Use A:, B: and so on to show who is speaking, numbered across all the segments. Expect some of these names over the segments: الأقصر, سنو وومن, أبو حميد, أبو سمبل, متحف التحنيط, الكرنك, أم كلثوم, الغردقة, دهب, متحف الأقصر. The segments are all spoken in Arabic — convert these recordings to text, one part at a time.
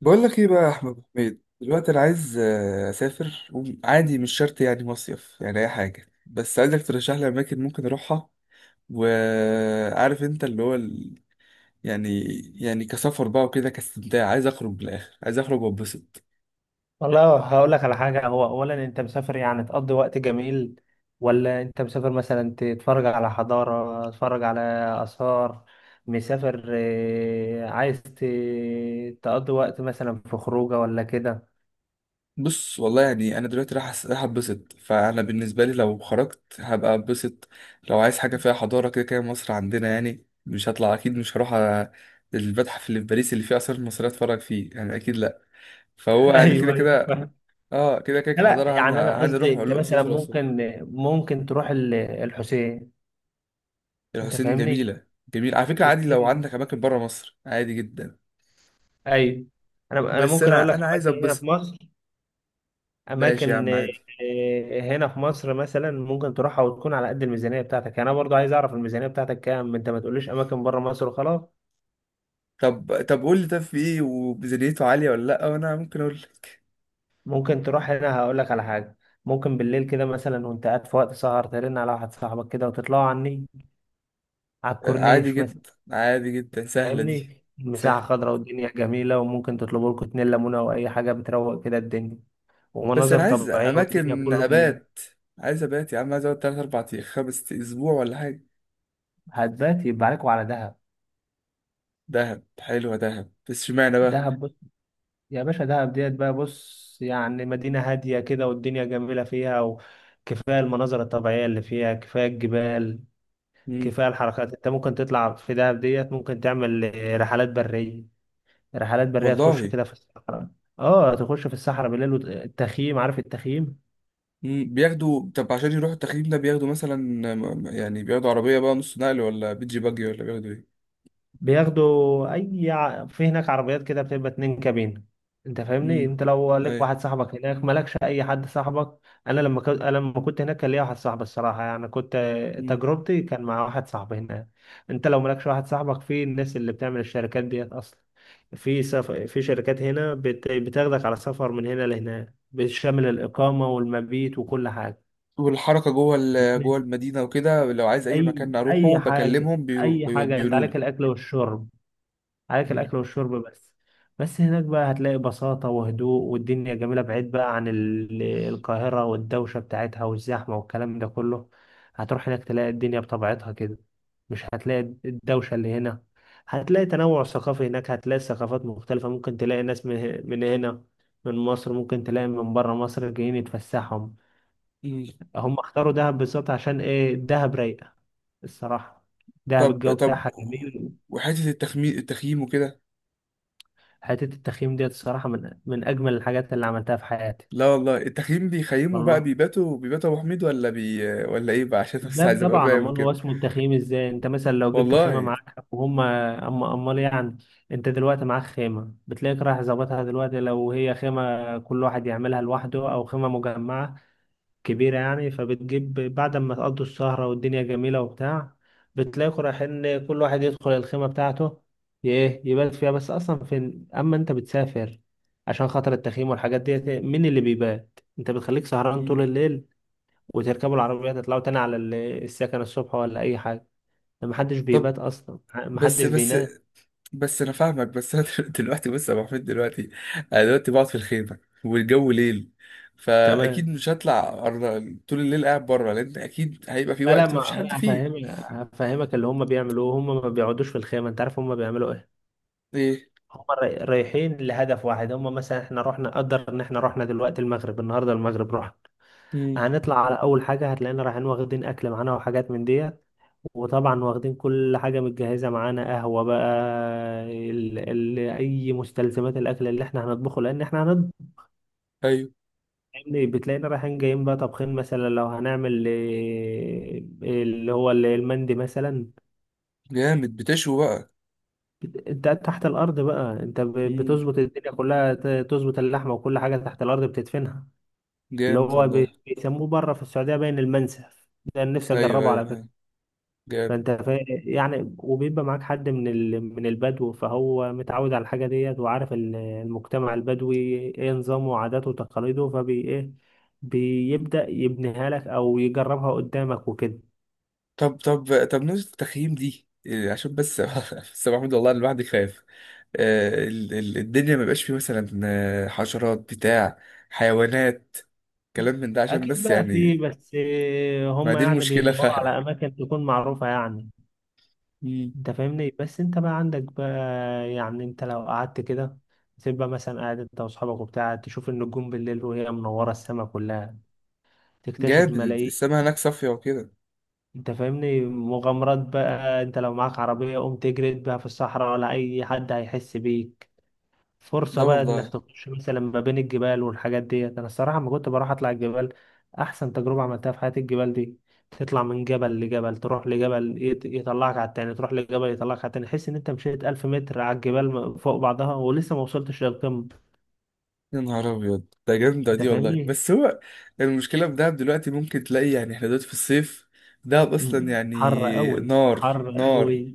A: بقول لك ايه بقى يا احمد أبو حميد؟ دلوقتي انا عايز اسافر، وعادي مش شرط يعني مصيف، يعني اي حاجه، بس عايزك ترشح لي اماكن ممكن اروحها. وعارف انت اللي هو يعني، يعني كسفر بقى وكده، كاستمتاع، عايز اخرج بالاخر، عايز اخرج واتبسط.
B: والله هقول لك على حاجة. هو أولا أنت مسافر يعني تقضي وقت جميل، ولا أنت مسافر مثلا تتفرج على حضارة، تتفرج على آثار؟ مسافر عايز تقضي وقت مثلا في خروجة ولا كده؟
A: بص والله يعني انا دلوقتي راح اتبسط، فانا بالنسبه لي لو خرجت هبقى اتبسط. لو عايز حاجه فيها حضاره، كده كده مصر عندنا، يعني مش هطلع اكيد، مش هروح المتحف اللي في باريس اللي فيه اثار مصريه اتفرج فيه، يعني اكيد لا. فهو يعني كده
B: ايوه ايوه،
A: كده.
B: فاهم.
A: اه كده كده
B: لا
A: حضرها،
B: يعني أنا قصدي
A: هنروح
B: أنت
A: الاقصر،
B: مثلا
A: الاقصر.
B: ممكن، ممكن تروح الحسين. أنت
A: الحسين
B: فاهمني؟
A: جميله. جميل على فكره، عادي لو
B: الحسين.
A: عندك اماكن بره مصر، عادي جدا.
B: أيوه. أنا
A: بس
B: ممكن أقول
A: انا
B: لك
A: انا عايز
B: أماكن هنا في
A: اتبسط.
B: مصر.
A: ماشي يا
B: اماكن،
A: عم، عادي.
B: هنا في مصر مثلا ممكن تروحها وتكون على قد الميزانيه بتاعتك. يعني انا برضو عايز اعرف الميزانيه بتاعتك كام. انت ما تقوليش اماكن بره مصر وخلاص.
A: طب قول لي، طب في ايه وميزانيته عاليه ولا لا، وانا ممكن اقول لك.
B: ممكن تروح هنا، هقول لك على حاجه. ممكن بالليل كده مثلا وانت قاعد في وقت سهر ترن على واحد صاحبك كده وتطلعوا على النيل، على
A: عادي
B: الكورنيش مثلا.
A: جدا، عادي جدا، سهله دي.
B: فاهمني؟ المساحه
A: سهل.
B: خضراء والدنيا جميله، وممكن تطلبوا لكم اتنين ليمونه او اي حاجه، بتروق كده الدنيا.
A: بس
B: ومناظر
A: انا عايز
B: طبيعيه والدنيا
A: اماكن
B: كله جميل.
A: ابات، عايز ابات يا عم، عايز اقعد 3 4 ايام، 5 اسبوع ولا حاجه.
B: هتبات يبقى عليكم على دهب.
A: دهب حلوه، دهب بس اشمعنى بقى؟
B: دهب. يا باشا دهب ديت بقى، بص يعني مدينة هادية كده والدنيا جميلة فيها، وكفاية المناظر الطبيعية اللي فيها، كفاية الجبال،
A: مم.
B: كفاية الحركات. انت ممكن تطلع في دهب ديت ممكن تعمل رحلات برية. رحلات برية تخش
A: والله.
B: كده في الصحراء. اه تخش في الصحرا بالليل، والتخييم، عارف التخييم.
A: مم، بياخدوا، طب عشان يروحوا التخييم ده بياخدوا مثلا يعني بياخدوا عربية بقى نص نقل ولا بيجي باجي ولا بياخدوا ايه؟
B: بياخدوا في هناك عربيات كده بتبقى اتنين كابين. انت فاهمني؟
A: امم.
B: انت لو لك
A: ايوه.
B: واحد صاحبك هناك، مالكش اي حد صاحبك. انا لما كنت هناك كان ليا واحد صاحبي، الصراحه يعني كنت،
A: مم.
B: تجربتي كان مع واحد صاحبي هناك. انت لو مالكش واحد صاحبك، في الناس اللي بتعمل الشركات ديت اصلا. في شركات هنا بتاخدك على سفر من هنا لهناك، بتشمل الاقامه والمبيت وكل حاجه.
A: والحركة جوه جوه المدينة وكده، لو عايز أي
B: اي
A: مكان أروحه
B: اي حاجه.
A: بكلمهم، بيروح
B: اي حاجه، انت
A: بيقولوا
B: عليك
A: لي.
B: الاكل والشرب، عليك
A: مم.
B: الاكل والشرب بس. بس هناك بقى هتلاقي بساطة وهدوء والدنيا جميلة، بعيد بقى عن القاهرة والدوشة بتاعتها والزحمة والكلام ده كله. هتروح هناك تلاقي الدنيا بطبيعتها كده، مش هتلاقي الدوشة اللي هنا. هتلاقي تنوع ثقافي هناك، هتلاقي ثقافات مختلفة، ممكن تلاقي ناس من هنا، من مصر، ممكن تلاقي من بره مصر جايين يتفسحهم.
A: مم.
B: هم اختاروا دهب بالظبط عشان ايه؟ دهب رايقة الصراحة، دهب
A: طب
B: الجو
A: طب.
B: بتاعها جميل.
A: وحتة التخييم وكده.
B: حته التخييم ديت الصراحه من اجمل الحاجات اللي عملتها في حياتي.
A: لا والله، التخييم بيخيموا بقى،
B: والله
A: بيباتوا، بيباتوا أبو حميد ولا ولا إيه بقى؟ عشان بس
B: لا
A: عايز أبقى
B: طبعا،
A: فاهم
B: امال هو
A: وكده.
B: اسمه التخييم ازاي. انت مثلا لو جبت خيمه
A: والله.
B: معاك، وهم اما امال يعني. انت دلوقتي معاك خيمه، بتلاقيك رايح ظابطها دلوقتي، لو هي خيمه كل واحد يعملها لوحده، او خيمه مجمعه كبيرة يعني. فبتجيب بعد ما تقضوا السهرة والدنيا جميلة وبتاع، بتلاقوا رايحين كل واحد يدخل الخيمة بتاعته. ايه يبات فيها؟ بس أصلا فين أما أنت بتسافر عشان خاطر التخييم والحاجات ديت، مين اللي بيبات؟ أنت بتخليك سهران طول
A: مم.
B: الليل، وتركبوا العربية تطلعوا تاني على السكن الصبح ولا أي حاجة. ده محدش
A: طب.
B: بيبات أصلا،
A: بس
B: محدش
A: بس
B: بينام.
A: بس انا فاهمك، بس انا دلوقتي، بص يا ابو حميد دلوقتي، انا دلوقتي بقعد في الخيمه، والجو ليل، فاكيد
B: تمام.
A: مش هطلع طول الليل قاعد بره، لان اكيد هيبقى في
B: لا لا،
A: وقت مفيش
B: ما
A: حد
B: أنا
A: فيه.
B: هفهمك. هفهمك اللي هم بيعملوه. هم ما بيقعدوش في الخيمة. أنت عارف هم بيعملوا إيه؟
A: ايه.
B: هم رايحين لهدف واحد. هم مثلا احنا رحنا، قدر ان احنا رحنا دلوقتي المغرب، النهارده المغرب رحنا،
A: امم.
B: هنطلع على اول حاجه هتلاقينا رايحين واخدين اكل معانا وحاجات من ديت. وطبعا واخدين كل حاجه متجهزه معانا، قهوه بقى، ال اي مستلزمات الاكل اللي احنا هنطبخه، لان احنا هنطبخ.
A: ايوه.
B: يعني بتلاقينا رايحين جايين بقى طبخين مثلا، لو هنعمل إيه، اللي هو المندي مثلا.
A: جامد، بتشوي بقى.
B: انت تحت الارض بقى، انت
A: امم.
B: بتظبط الدنيا كلها، تظبط اللحمه وكل حاجه تحت الارض بتدفنها. اللي
A: جامد
B: هو
A: والله.
B: بيسموه بره في السعودية باين المنسف. ده أنا نفسي
A: ايوه،
B: أجربه على
A: ايوه،
B: فكرة.
A: ايوه. جامد.
B: يعني وبيبقى معاك حد من البدو، فهو متعود على الحاجة ديت، وعارف المجتمع البدوي إيه نظامه وعاداته وتقاليده، فبي إيه، بيبدأ يبنيها لك أو يجربها قدامك وكده.
A: طب نقطه التخييم دي إيه؟ عشان بس بس يا ابو حميد والله انا الواحد خايف، الدنيا ما بقاش فيه مثلا حشرات بتاع، حيوانات، كلام من ده، عشان
B: أكيد
A: بس
B: بقى في،
A: يعني.
B: بس
A: ما
B: هم
A: دي
B: يعني
A: المشكلة
B: بيدوروا على
A: فعلا.
B: أماكن تكون معروفة يعني.
A: مم.
B: انت فاهمني؟ بس انت بقى عندك بقى، يعني انت لو قعدت كده، تبقى مثلا قاعد انت واصحابك وبتاع، تشوف النجوم بالليل وهي منورة السما كلها، تكتشف
A: جامد.
B: ملايين.
A: السما هناك صافية وكده.
B: انت فاهمني؟ مغامرات بقى، انت لو معاك عربية قوم تجري بيها في الصحراء ولا اي حد هيحس بيك.
A: ده
B: فرصة بقى
A: والله.
B: انك تخش مثلا ما بين الجبال والحاجات ديت. انا الصراحة ما كنت بروح اطلع الجبال، احسن تجربة عملتها في حياتي الجبال دي. تطلع من جبل لجبل، تروح لجبل يطلعك على التاني، تروح لجبل يطلعك على التاني، تحس ان انت مشيت ألف متر على الجبال فوق بعضها ولسه ما وصلتش للقمة.
A: يا نهار أبيض، ده جامدة
B: انت
A: دي والله.
B: فاهمني؟
A: بس هو المشكلة في دهب دلوقتي، ممكن تلاقي، يعني احنا دلوقتي في الصيف، دهب
B: مم.
A: أصلا يعني.
B: حر قوي.
A: نار.
B: حر قوي.
A: نار.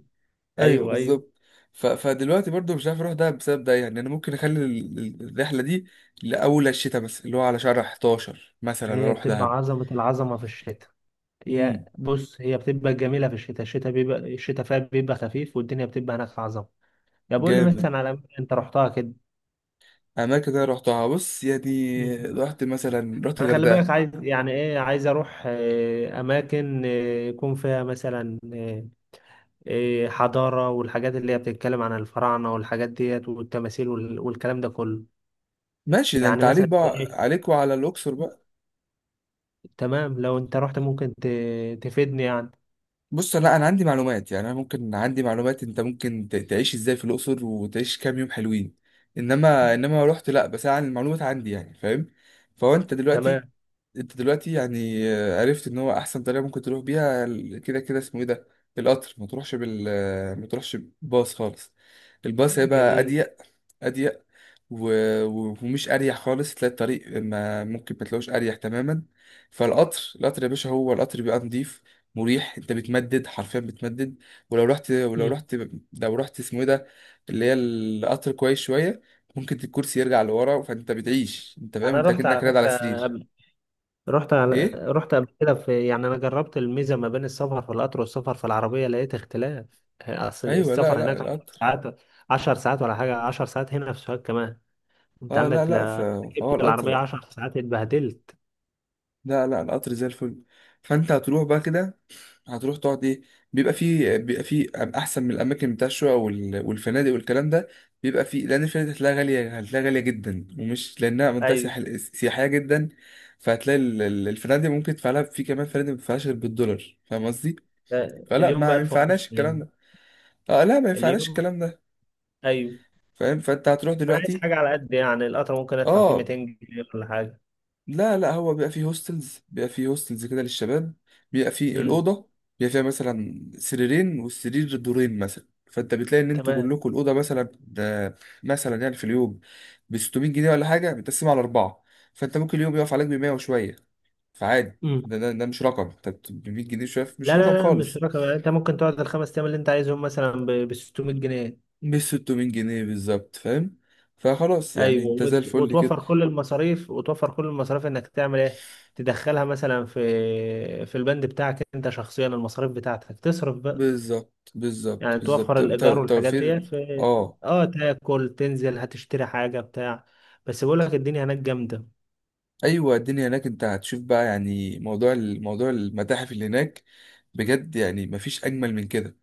A: أيوه
B: ايوه ايوه.
A: بالظبط. ف... فدلوقتي برضو مش عارف أروح دهب بسبب ده، يعني أنا ممكن أخلي الرحلة دي لأول الشتاء مثلا، اللي هو على شهر 11 مثلا،
B: هي
A: أروح
B: بتبقى
A: دهب.
B: عظمة، العظمة في الشتاء. يا
A: مم.
B: بص هي بتبقى جميلة في الشتاء، الشتاء بيبقى، الشتاء فيها بيبقى خفيف، والدنيا بتبقى هناك عظمة. طب قول لي
A: جامد.
B: مثلا على اماكن انت رحتها كده.
A: أماكن أنا رحتها، بص يعني
B: مم.
A: رحت مثلا، رحت
B: انا خلي بالك،
A: الغردقة.
B: عايز يعني ايه؟ عايز اروح اماكن، يكون فيها مثلا حضاره والحاجات اللي هي بتتكلم عن الفراعنه والحاجات ديت والتماثيل والكلام ده كله.
A: ماشي، ده انت
B: يعني
A: عليك
B: مثلا
A: بقى،
B: ايه؟
A: عليك وعلى الاقصر بقى.
B: تمام، لو انت رحت ممكن تفيدني يعني.
A: بص، لا انا عندي معلومات يعني، انا ممكن عندي معلومات، انت ممكن تعيش ازاي في الاقصر، وتعيش كام يوم حلوين. انما لو رحت، لا بس انا عن المعلومات عندي يعني، فاهم؟ فهو انت دلوقتي،
B: تمام.
A: انت دلوقتي يعني عرفت ان هو احسن طريقه ممكن تروح بيها كده كده اسمه ايه ده، القطر. ما تروحش بال آه، ما تروحش باص خالص، الباص هيبقى
B: جميل.
A: اضيق، اضيق، و... و- ومش اريح خالص، تلاقي الطريق ما ممكن، ما تلاقوش اريح تماما. فالقطر، القطر يا باشا، هو القطر بيبقى نضيف، مريح، انت بتمدد، حرفيا بتمدد. ولو رحت ولو
B: مم.
A: رحت لو رحت اسمه ايه ده، اللي هي القطر كويس شويه، ممكن الكرسي يرجع لورا، فانت بتعيش، انت فاهم؟
B: انا
A: انت
B: رحت
A: كأنك
B: على
A: رايد على
B: فكره
A: سرير.
B: قبل.
A: ايه.
B: رحت قبل كده في، يعني انا جربت الميزه ما بين السفر في القطر والسفر في العربيه، لقيت اختلاف. اصل
A: ايوه، لا،
B: السفر
A: لا،
B: هناك 10
A: القطر.
B: ساعات، 10 ساعات ولا حاجه، 10 ساعات. هنا في سوهاج كمان انت
A: اه، لا،
B: عندك
A: لا، فهو
B: ركبت العربيه
A: القطر،
B: 10 ساعات، اتبهدلت.
A: لا، لا، القطر زي الفل. فانت هتروح بقى كده، هتروح تقعد ايه، بيبقى فيه احسن من الاماكن بتاع الشقق والفنادق والكلام ده. بيبقى فيه، لان الفنادق هتلاقيها غاليه، هتلاقيها غاليه جدا، ومش لانها منطقه
B: ايوه.
A: سياحيه جدا. فهتلاقي الفنادق ممكن تدفع لها، في كمان فنادق ما بتدفعهاش غير بالدولار، فاهم قصدي؟ فلا
B: اليوم ب
A: ما
B: 1000
A: ينفعناش
B: ونص
A: الكلام
B: هنا،
A: ده، اه لا ما ينفعناش
B: اليوم.
A: الكلام ده.
B: ايوه.
A: فاهم؟ فانت هتروح
B: انا عايز
A: دلوقتي.
B: حاجه على قد يعني. القطر ممكن ادفع فيه
A: اه،
B: 200 جنيه ولا حاجه.
A: لا هو بيبقى فيه هوستلز، بيبقى فيه هوستلز كده للشباب، بيبقى فيه
B: امم.
A: الأوضة، بيبقى فيها مثلا سريرين، والسرير دورين مثلا، فانت بتلاقي ان انتوا
B: تمام.
A: كلكم الأوضة مثلا ده، مثلا يعني في اليوم ب 600 جنيه ولا حاجة متقسمة على أربعة، فانت ممكن اليوم يقف عليك ب 100 وشوية. فعادي،
B: امم.
A: ده مش رقم، انت ب 100 جنيه شوية مش
B: لا لا
A: رقم
B: لا مش
A: خالص،
B: رقم. يعني انت ممكن تقعد الخمس ايام اللي انت عايزهم مثلا ب 600 جنيه.
A: مش 600 جنيه بالظبط، فاهم؟ فخلاص يعني
B: ايوه،
A: انت زي الفل كده.
B: وتوفر كل المصاريف، وتوفر كل المصاريف انك تعمل ايه، تدخلها مثلا في، في البند بتاعك انت شخصيا، المصاريف بتاعتك تصرف بقى.
A: بالظبط، بالظبط،
B: يعني توفر
A: بالظبط، انت
B: الايجار والحاجات ديت
A: توفير.
B: في،
A: اه.
B: اه. تاكل، تنزل هتشتري حاجه بتاع بس بقول لك الدنيا هناك جامده.
A: ايوه، الدنيا هناك انت هتشوف بقى، يعني موضوع المتاحف اللي هناك بجد، يعني مفيش اجمل من كده.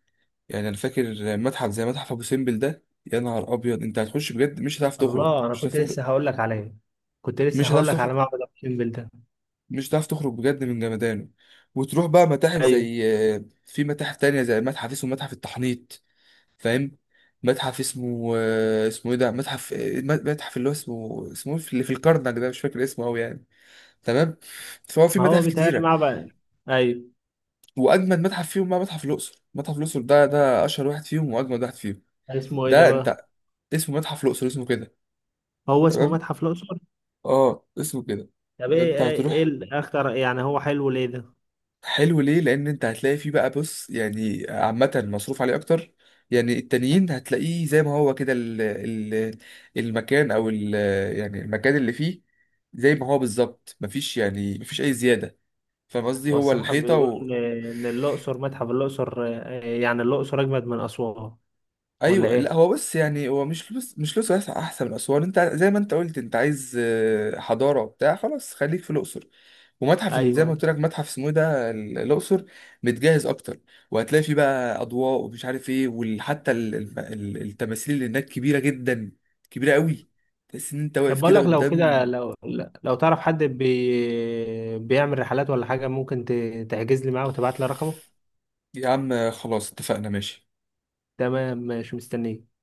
A: يعني انا فاكر متحف زي متحف ابو سمبل، ده يا نهار ابيض، انت هتخش بجد مش هتعرف تخرج،
B: الله، انا
A: مش
B: كنت
A: هتعرف تخرج،
B: لسه هقول لك عليه، كنت لسه
A: مش هتعرف
B: هقول لك على
A: تخرج،
B: معبد ابو سمبل ده.
A: مش هتعرف تخرج بجد من جمدانه. وتروح بقى متاحف
B: ايوه،
A: زي، في متاحف تانية زي متحف اسمه متحف التحنيط، فاهم؟ متحف اسمه، اسمه ايه ده متحف متحف اللي هو اسمه إيه؟ اللي في الكرنك ده، مش فاكر اسمه قوي يعني. تمام. فهو في
B: ما هو
A: متاحف
B: بيتهيألي
A: كتيرة.
B: معبد. ايوه.
A: واجمد متحف فيهم بقى، متحف الاقصر، متحف الاقصر ده ده اشهر واحد فيهم واجمد واحد فيهم.
B: اسمه ايه ده
A: ده انت،
B: بقى؟
A: اسمه متحف الاقصر، اسمه كده.
B: هو اسمه
A: تمام،
B: متحف الاقصر.
A: اه اسمه كده.
B: طب
A: ده
B: ايه
A: انت
B: ايه، إيه
A: هتروح.
B: الاخطر يعني، هو حلو ليه ده؟
A: حلو ليه؟ لان انت هتلاقي فيه بقى، بص يعني عامه مصروف عليه اكتر، يعني التانيين هتلاقيه زي ما هو كده، ال ال المكان او يعني المكان اللي فيه زي ما هو بالظبط، مفيش يعني مفيش اي زياده. فاهم قصدي؟
B: هو
A: هو
B: الصراحة
A: الحيطه.
B: بيقولوا إن الأقصر، متحف الأقصر، يعني الأقصر أجمد من أسوان، ولا
A: ايوه، لا
B: إيه؟
A: هو بص يعني، هو مش لوس، بس احسن من اسوان. انت زي ما انت قلت انت عايز حضاره وبتاع، خلاص خليك في الاقصر. ومتحف زي ما
B: أيوه.
A: قلت لك متحف اسمه إيه ده الاقصر، متجهز اكتر، وهتلاقي فيه بقى اضواء ومش عارف ايه، وحتى التماثيل اللي هناك كبيره جدا، كبيره قوي، تحس ان انت
B: طب
A: واقف
B: بقول
A: كده
B: لك لو
A: قدام.
B: كده، لو لو تعرف حد بي بيعمل رحلات ولا حاجة، ممكن تحجز لي معاه وتبعت لي رقمه؟
A: يا عم خلاص اتفقنا ماشي.
B: تمام، ماشي، مستنيك.